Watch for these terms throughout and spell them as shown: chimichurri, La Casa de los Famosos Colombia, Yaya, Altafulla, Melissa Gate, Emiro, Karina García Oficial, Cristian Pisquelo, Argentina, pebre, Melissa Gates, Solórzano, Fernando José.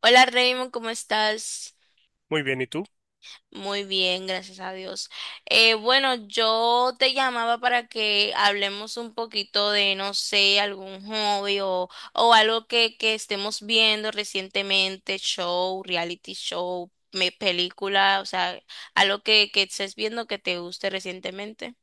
Hola Raymond, ¿cómo estás? Muy bien, ¿y tú? Muy bien, gracias a Dios. Bueno, yo te llamaba para que hablemos un poquito de, no sé, algún hobby o algo que estemos viendo recientemente, show, reality show, película, o sea, algo que estés viendo que te guste recientemente.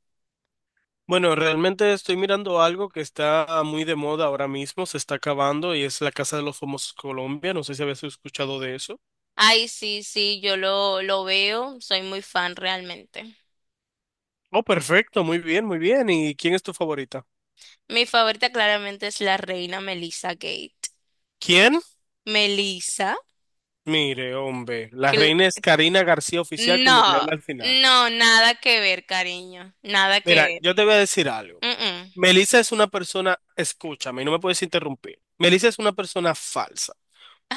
Bueno, realmente estoy mirando algo que está muy de moda ahora mismo, se está acabando y es La Casa de los Famosos Colombia. No sé si habías escuchado de eso. Ay, sí, sí, yo lo veo, soy muy fan realmente. Oh, perfecto, muy bien, muy bien. ¿Y quién es tu favorita? Mi favorita claramente es la reina Melissa Gate. ¿Quién? Melissa. Mire, hombre, la reina es Karina García Oficial con doble No, L al final. no, nada que ver, cariño, nada que Mira, ver. yo te voy a decir algo. Mm, mm. Melissa es una persona, escúchame, no me puedes interrumpir. Melissa es una persona falsa,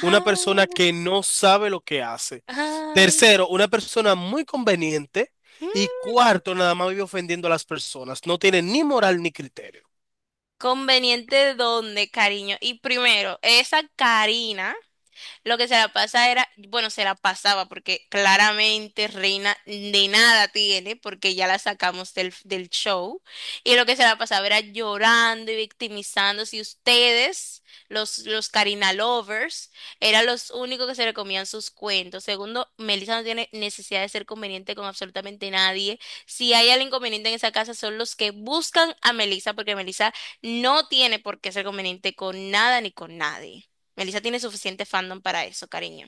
una persona que no sabe lo que hace. ay, Tercero, una persona muy conveniente. Y mm. cuarto, nada más vive ofendiendo a las personas. No tiene ni moral ni criterio. ¿Conveniente dónde, cariño? Y primero, esa Karina. Lo que se la pasa era, bueno, se la pasaba porque claramente Reina de nada tiene porque ya la sacamos del show. Y lo que se la pasaba era llorando y victimizándose. Y ustedes, los Karina lovers, eran los únicos que se le comían sus cuentos. Segundo, Melissa no tiene necesidad de ser conveniente con absolutamente nadie. Si hay alguien inconveniente en esa casa son los que buscan a Melissa porque Melissa no tiene por qué ser conveniente con nada ni con nadie. Melissa tiene suficiente fandom para eso, cariño.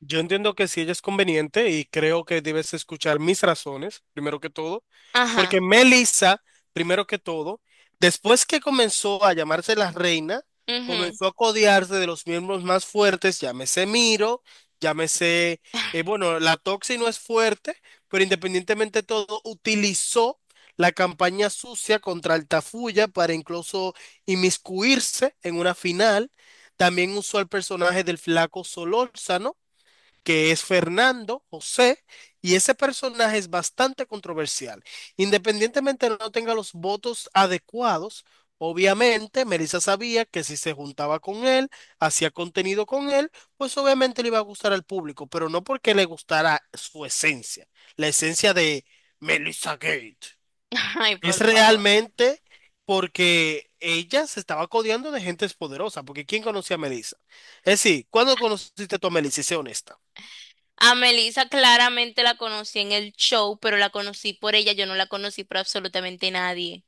Yo entiendo que si ella es conveniente y creo que debes escuchar mis razones, primero que todo, porque Ajá. Melissa, primero que todo, después que comenzó a llamarse la reina, Ujú. comenzó a codearse de los miembros más fuertes, llámese Miro, llámese, bueno, la Toxi no es fuerte, pero independientemente de todo, utilizó la campaña sucia contra Altafulla para incluso inmiscuirse en una final. También usó el personaje del flaco Solórzano, que es Fernando José, y ese personaje es bastante controversial. Independientemente de no tenga los votos adecuados, obviamente Melissa sabía que si se juntaba con él, hacía contenido con él, pues obviamente le iba a gustar al público, pero no porque le gustara su esencia, la esencia de Melissa Gate. Ay, Es por favor. realmente porque ella se estaba codeando de gente poderosa, porque ¿quién conocía a Melissa? Es decir, ¿cuándo conociste tú a Melissa? Y sé honesta. A Melissa claramente la conocí en el show, pero la conocí por ella, yo no la conocí por absolutamente nadie.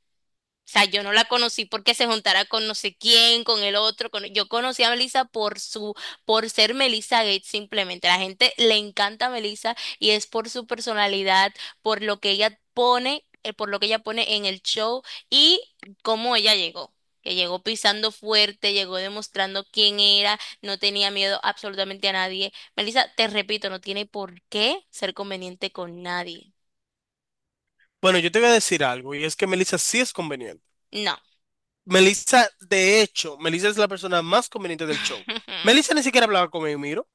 O sea, yo no la conocí porque se juntara con no sé quién, con el otro. Yo conocí a Melissa por ser Melissa Gates simplemente. La gente le encanta a Melissa y es por su personalidad, por lo que ella pone, por lo que ella pone en el show y cómo ella llegó. Que llegó pisando fuerte, llegó demostrando quién era, no tenía miedo absolutamente a nadie. Melissa, te repito, no tiene por qué ser conveniente con nadie. Bueno, yo te voy a decir algo, y es que Melissa sí es conveniente. No. Melissa, de hecho, Melissa es la persona más conveniente del show. Melissa ni siquiera hablaba con Emiro,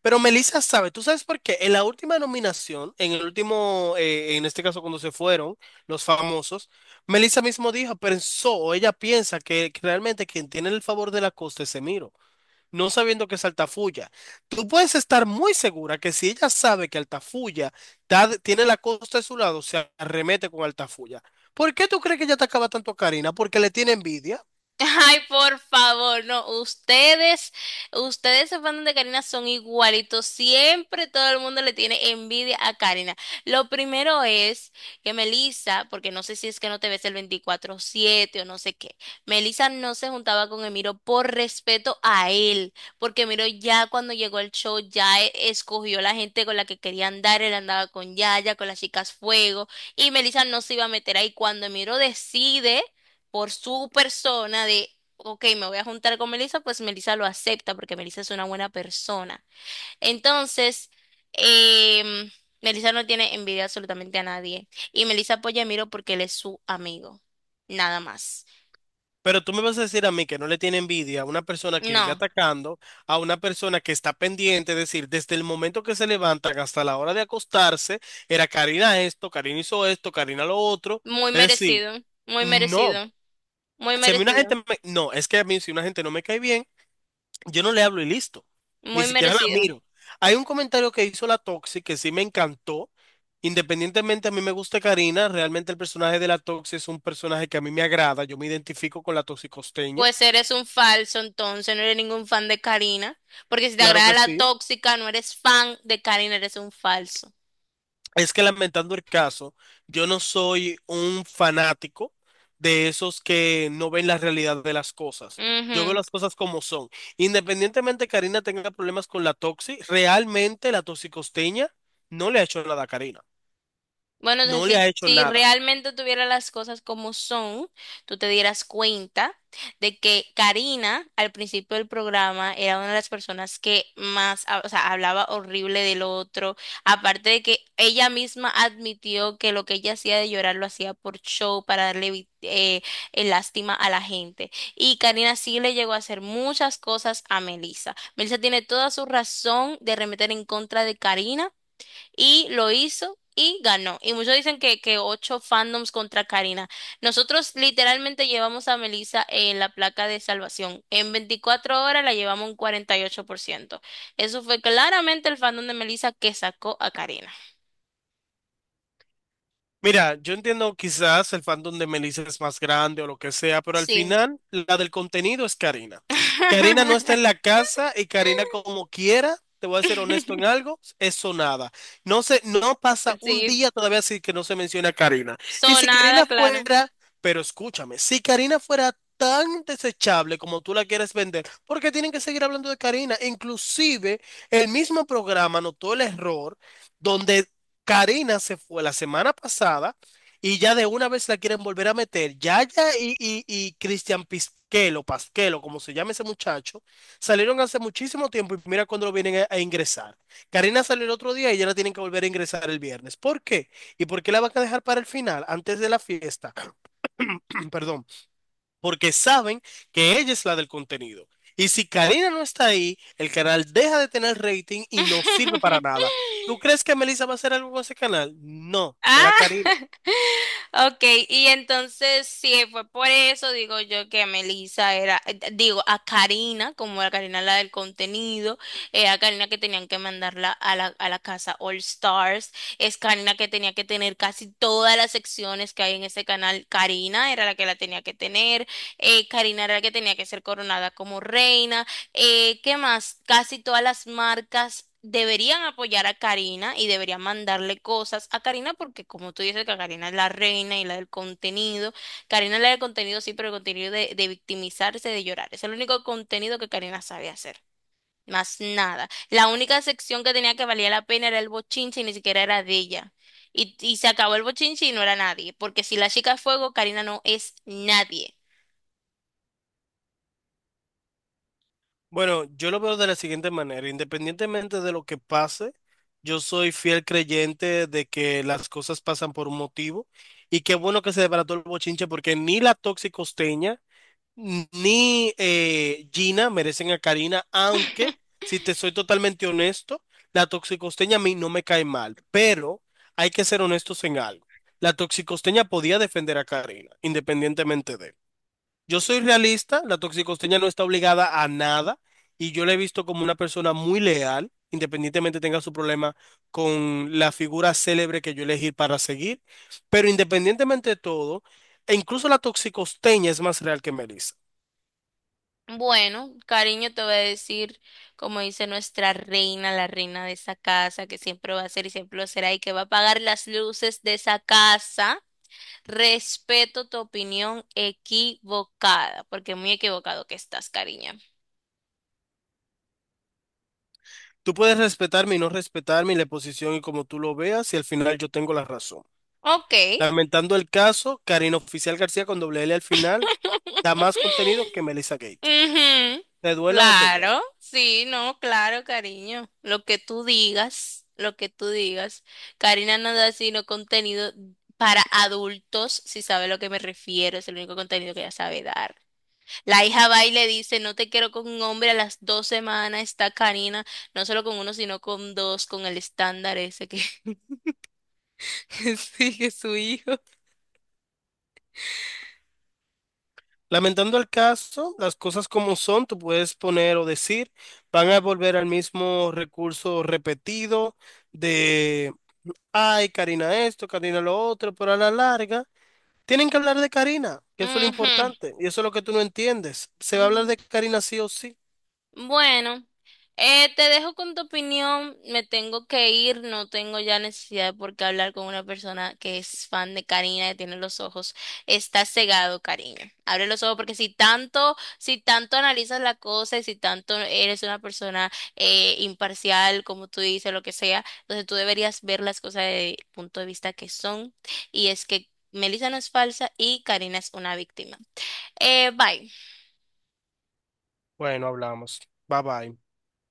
pero Melissa sabe, ¿tú sabes por qué? En la última nominación, en el último, en este caso cuando se fueron los famosos, Melissa mismo dijo, pensó, o ella piensa que realmente quien tiene el favor de la costa es Emiro, no sabiendo que es Altafulla. Tú puedes estar muy segura que si ella sabe que Altafulla tiene la costa de su lado, se arremete con Altafulla. ¿Por qué tú crees que ella te acaba tanto a Karina? Porque le tiene envidia. Ay, por favor, no, ustedes se fans de Karina son igualitos, siempre todo el mundo le tiene envidia a Karina. Lo primero es que Melissa, porque no sé si es que no te ves el 24/7 o no sé qué, Melissa no se juntaba con Emiro por respeto a él, porque Emiro ya cuando llegó al show ya escogió la gente con la que quería andar, él andaba con Yaya, con las chicas Fuego, y Melissa no se iba a meter ahí cuando Emiro decide por su persona de, ok, me voy a juntar con Melissa, pues Melissa lo acepta porque Melissa es una buena persona. Entonces, em, Melissa no tiene envidia absolutamente a nadie. Y Melissa apoya a Miro porque él es su amigo. Nada más. Pero tú me vas a decir a mí que no le tiene envidia a una persona que vive No, atacando, a una persona que está pendiente, es decir, desde el momento que se levantan hasta la hora de acostarse, era Karina esto, Karina hizo esto, Karina lo otro. muy Es decir, merecido, muy no. merecido, muy Si a mí una merecido, gente me... No, es que a mí si una gente no me cae bien, yo no le hablo y listo. Ni muy siquiera la merecido. miro. Hay un comentario que hizo la Toxi que sí me encantó. Independientemente, a mí me gusta Karina. Realmente el personaje de la Toxi es un personaje que a mí me agrada. Yo me identifico con la toxicosteña. Pues eres un falso entonces, no eres ningún fan de Karina, porque si te Claro agrada que la sí. tóxica, no eres fan de Karina, eres un falso. Es que lamentando el caso, yo no soy un fanático de esos que no ven la realidad de las cosas. Yo veo Ujú. las cosas como son. Independientemente Karina tenga problemas con la Toxi, realmente la toxicosteña no le ha hecho nada a Karina. Bueno, entonces No le ha si, hecho si nada. realmente tuviera las cosas como son, tú te dieras cuenta de que Karina al principio del programa era una de las personas que más, o sea, hablaba horrible del otro, aparte de que ella misma admitió que lo que ella hacía de llorar lo hacía por show, para darle lástima a la gente. Y Karina sí le llegó a hacer muchas cosas a Melissa. Melissa tiene toda su razón de remeter en contra de Karina y lo hizo y ganó. Y muchos dicen que ocho fandoms contra Karina. Nosotros literalmente llevamos a Melissa en la placa de salvación. En 24 horas la llevamos un 48%. Eso fue claramente el fandom de Melissa que sacó a Karina. Mira, yo entiendo quizás el fandom de Melissa es más grande o lo que sea, pero al Sí. final la del contenido es Karina. Karina no está en la casa y Karina como quiera, te voy a ser honesto en algo, es sonada. No se, no pasa un Sí, día todavía así que no se menciona a Karina. Y si Karina sonada, claro. fuera, pero escúchame, si Karina fuera tan desechable como tú la quieres vender, ¿por qué tienen que seguir hablando de Karina? Inclusive el mismo programa notó el error donde Karina se fue la semana pasada y ya de una vez la quieren volver a meter. Yaya y Cristian Pisquelo, Pasquelo, como se llama ese muchacho, salieron hace muchísimo tiempo y mira cuando lo vienen a ingresar. Karina salió el otro día y ya la tienen que volver a ingresar el viernes. ¿Por qué? ¿Y por qué la van a dejar para el final, antes de la fiesta? Perdón, porque saben que ella es la del contenido. Y si Karina no está ahí, el canal deja de tener rating y no sirve para nada. ¿Tú crees que Melissa va a hacer algo con ese canal? No, Ah. era Karina. Ok, y entonces sí, fue por eso, digo yo, que a Melissa era, digo, a Karina, como a Karina la del contenido, a Karina que tenían que mandarla a la casa All Stars, es Karina que tenía que tener casi todas las secciones que hay en ese canal, Karina era la que la tenía que tener, Karina era la que tenía que ser coronada como reina, ¿qué más? Casi todas las marcas deberían apoyar a Karina y deberían mandarle cosas a Karina porque como tú dices que Karina es la reina y la del contenido, Karina es la del contenido sí, pero el contenido de victimizarse, de llorar. Es el único contenido que Karina sabe hacer. Más nada. La única sección que tenía que valía la pena era el bochinche y ni siquiera era de ella. Y se acabó el bochinche y no era nadie, porque si la chica es fuego, Karina no es nadie. Bueno, yo lo veo de la siguiente manera, independientemente de lo que pase, yo soy fiel creyente de que las cosas pasan por un motivo y qué bueno que se desbarató el bochinche porque ni la toxicosteña ni Gina merecen a Karina, aunque, si te soy totalmente honesto, la toxicosteña a mí no me cae mal, pero hay que ser honestos en algo. La toxicosteña podía defender a Karina, independientemente de. Él. Yo soy realista, la toxicosteña no está obligada a nada y yo la he visto como una persona muy leal, independientemente tenga su problema con la figura célebre que yo elegí para seguir, pero independientemente de todo, e incluso la toxicosteña es más real que Melissa. Bueno, cariño, te voy a decir, como dice nuestra reina, la reina de esa casa, que siempre va a ser y siempre lo será, y que va a pagar las luces de esa casa. Respeto tu opinión equivocada, porque muy equivocado que estás, cariño. Tú puedes respetarme y no respetarme y la posición y como tú lo veas y al final yo tengo la razón. Ok. Lamentando el caso, Karina Oficial García con doble L al final da más contenido que Melissa Gate. Ujú, Te duela o te duela. claro, sí, no, claro, cariño. Lo que tú digas, lo que tú digas. Karina no da sino contenido para adultos, si sabe a lo que me refiero, es el único contenido que ella sabe dar. La hija va y le dice, no te quiero con un hombre a las 2 semanas, está Karina, no solo con uno, sino con dos, con el estándar ese que que sigue su hijo. Lamentando el caso, las cosas como son, tú puedes poner o decir, van a volver al mismo recurso repetido de, ay, Karina esto, Karina lo otro, pero a la larga. Tienen que hablar de Karina, que eso es lo Ujú. importante, y eso es lo que tú no entiendes. Se va a hablar Mm. de Karina sí o sí. Bueno, te dejo con tu opinión. Me tengo que ir, no tengo ya necesidad de por qué hablar con una persona que es fan de Karina, que tiene los ojos. Está cegado, Karina. Abre los ojos porque si tanto, si tanto analizas la cosa y si tanto eres una persona imparcial, como tú dices, lo que sea, entonces tú deberías ver las cosas desde el punto de vista que son. Y es que Melissa no es falsa y Karina es una víctima. Bye. Bueno, hablamos. Bye bye.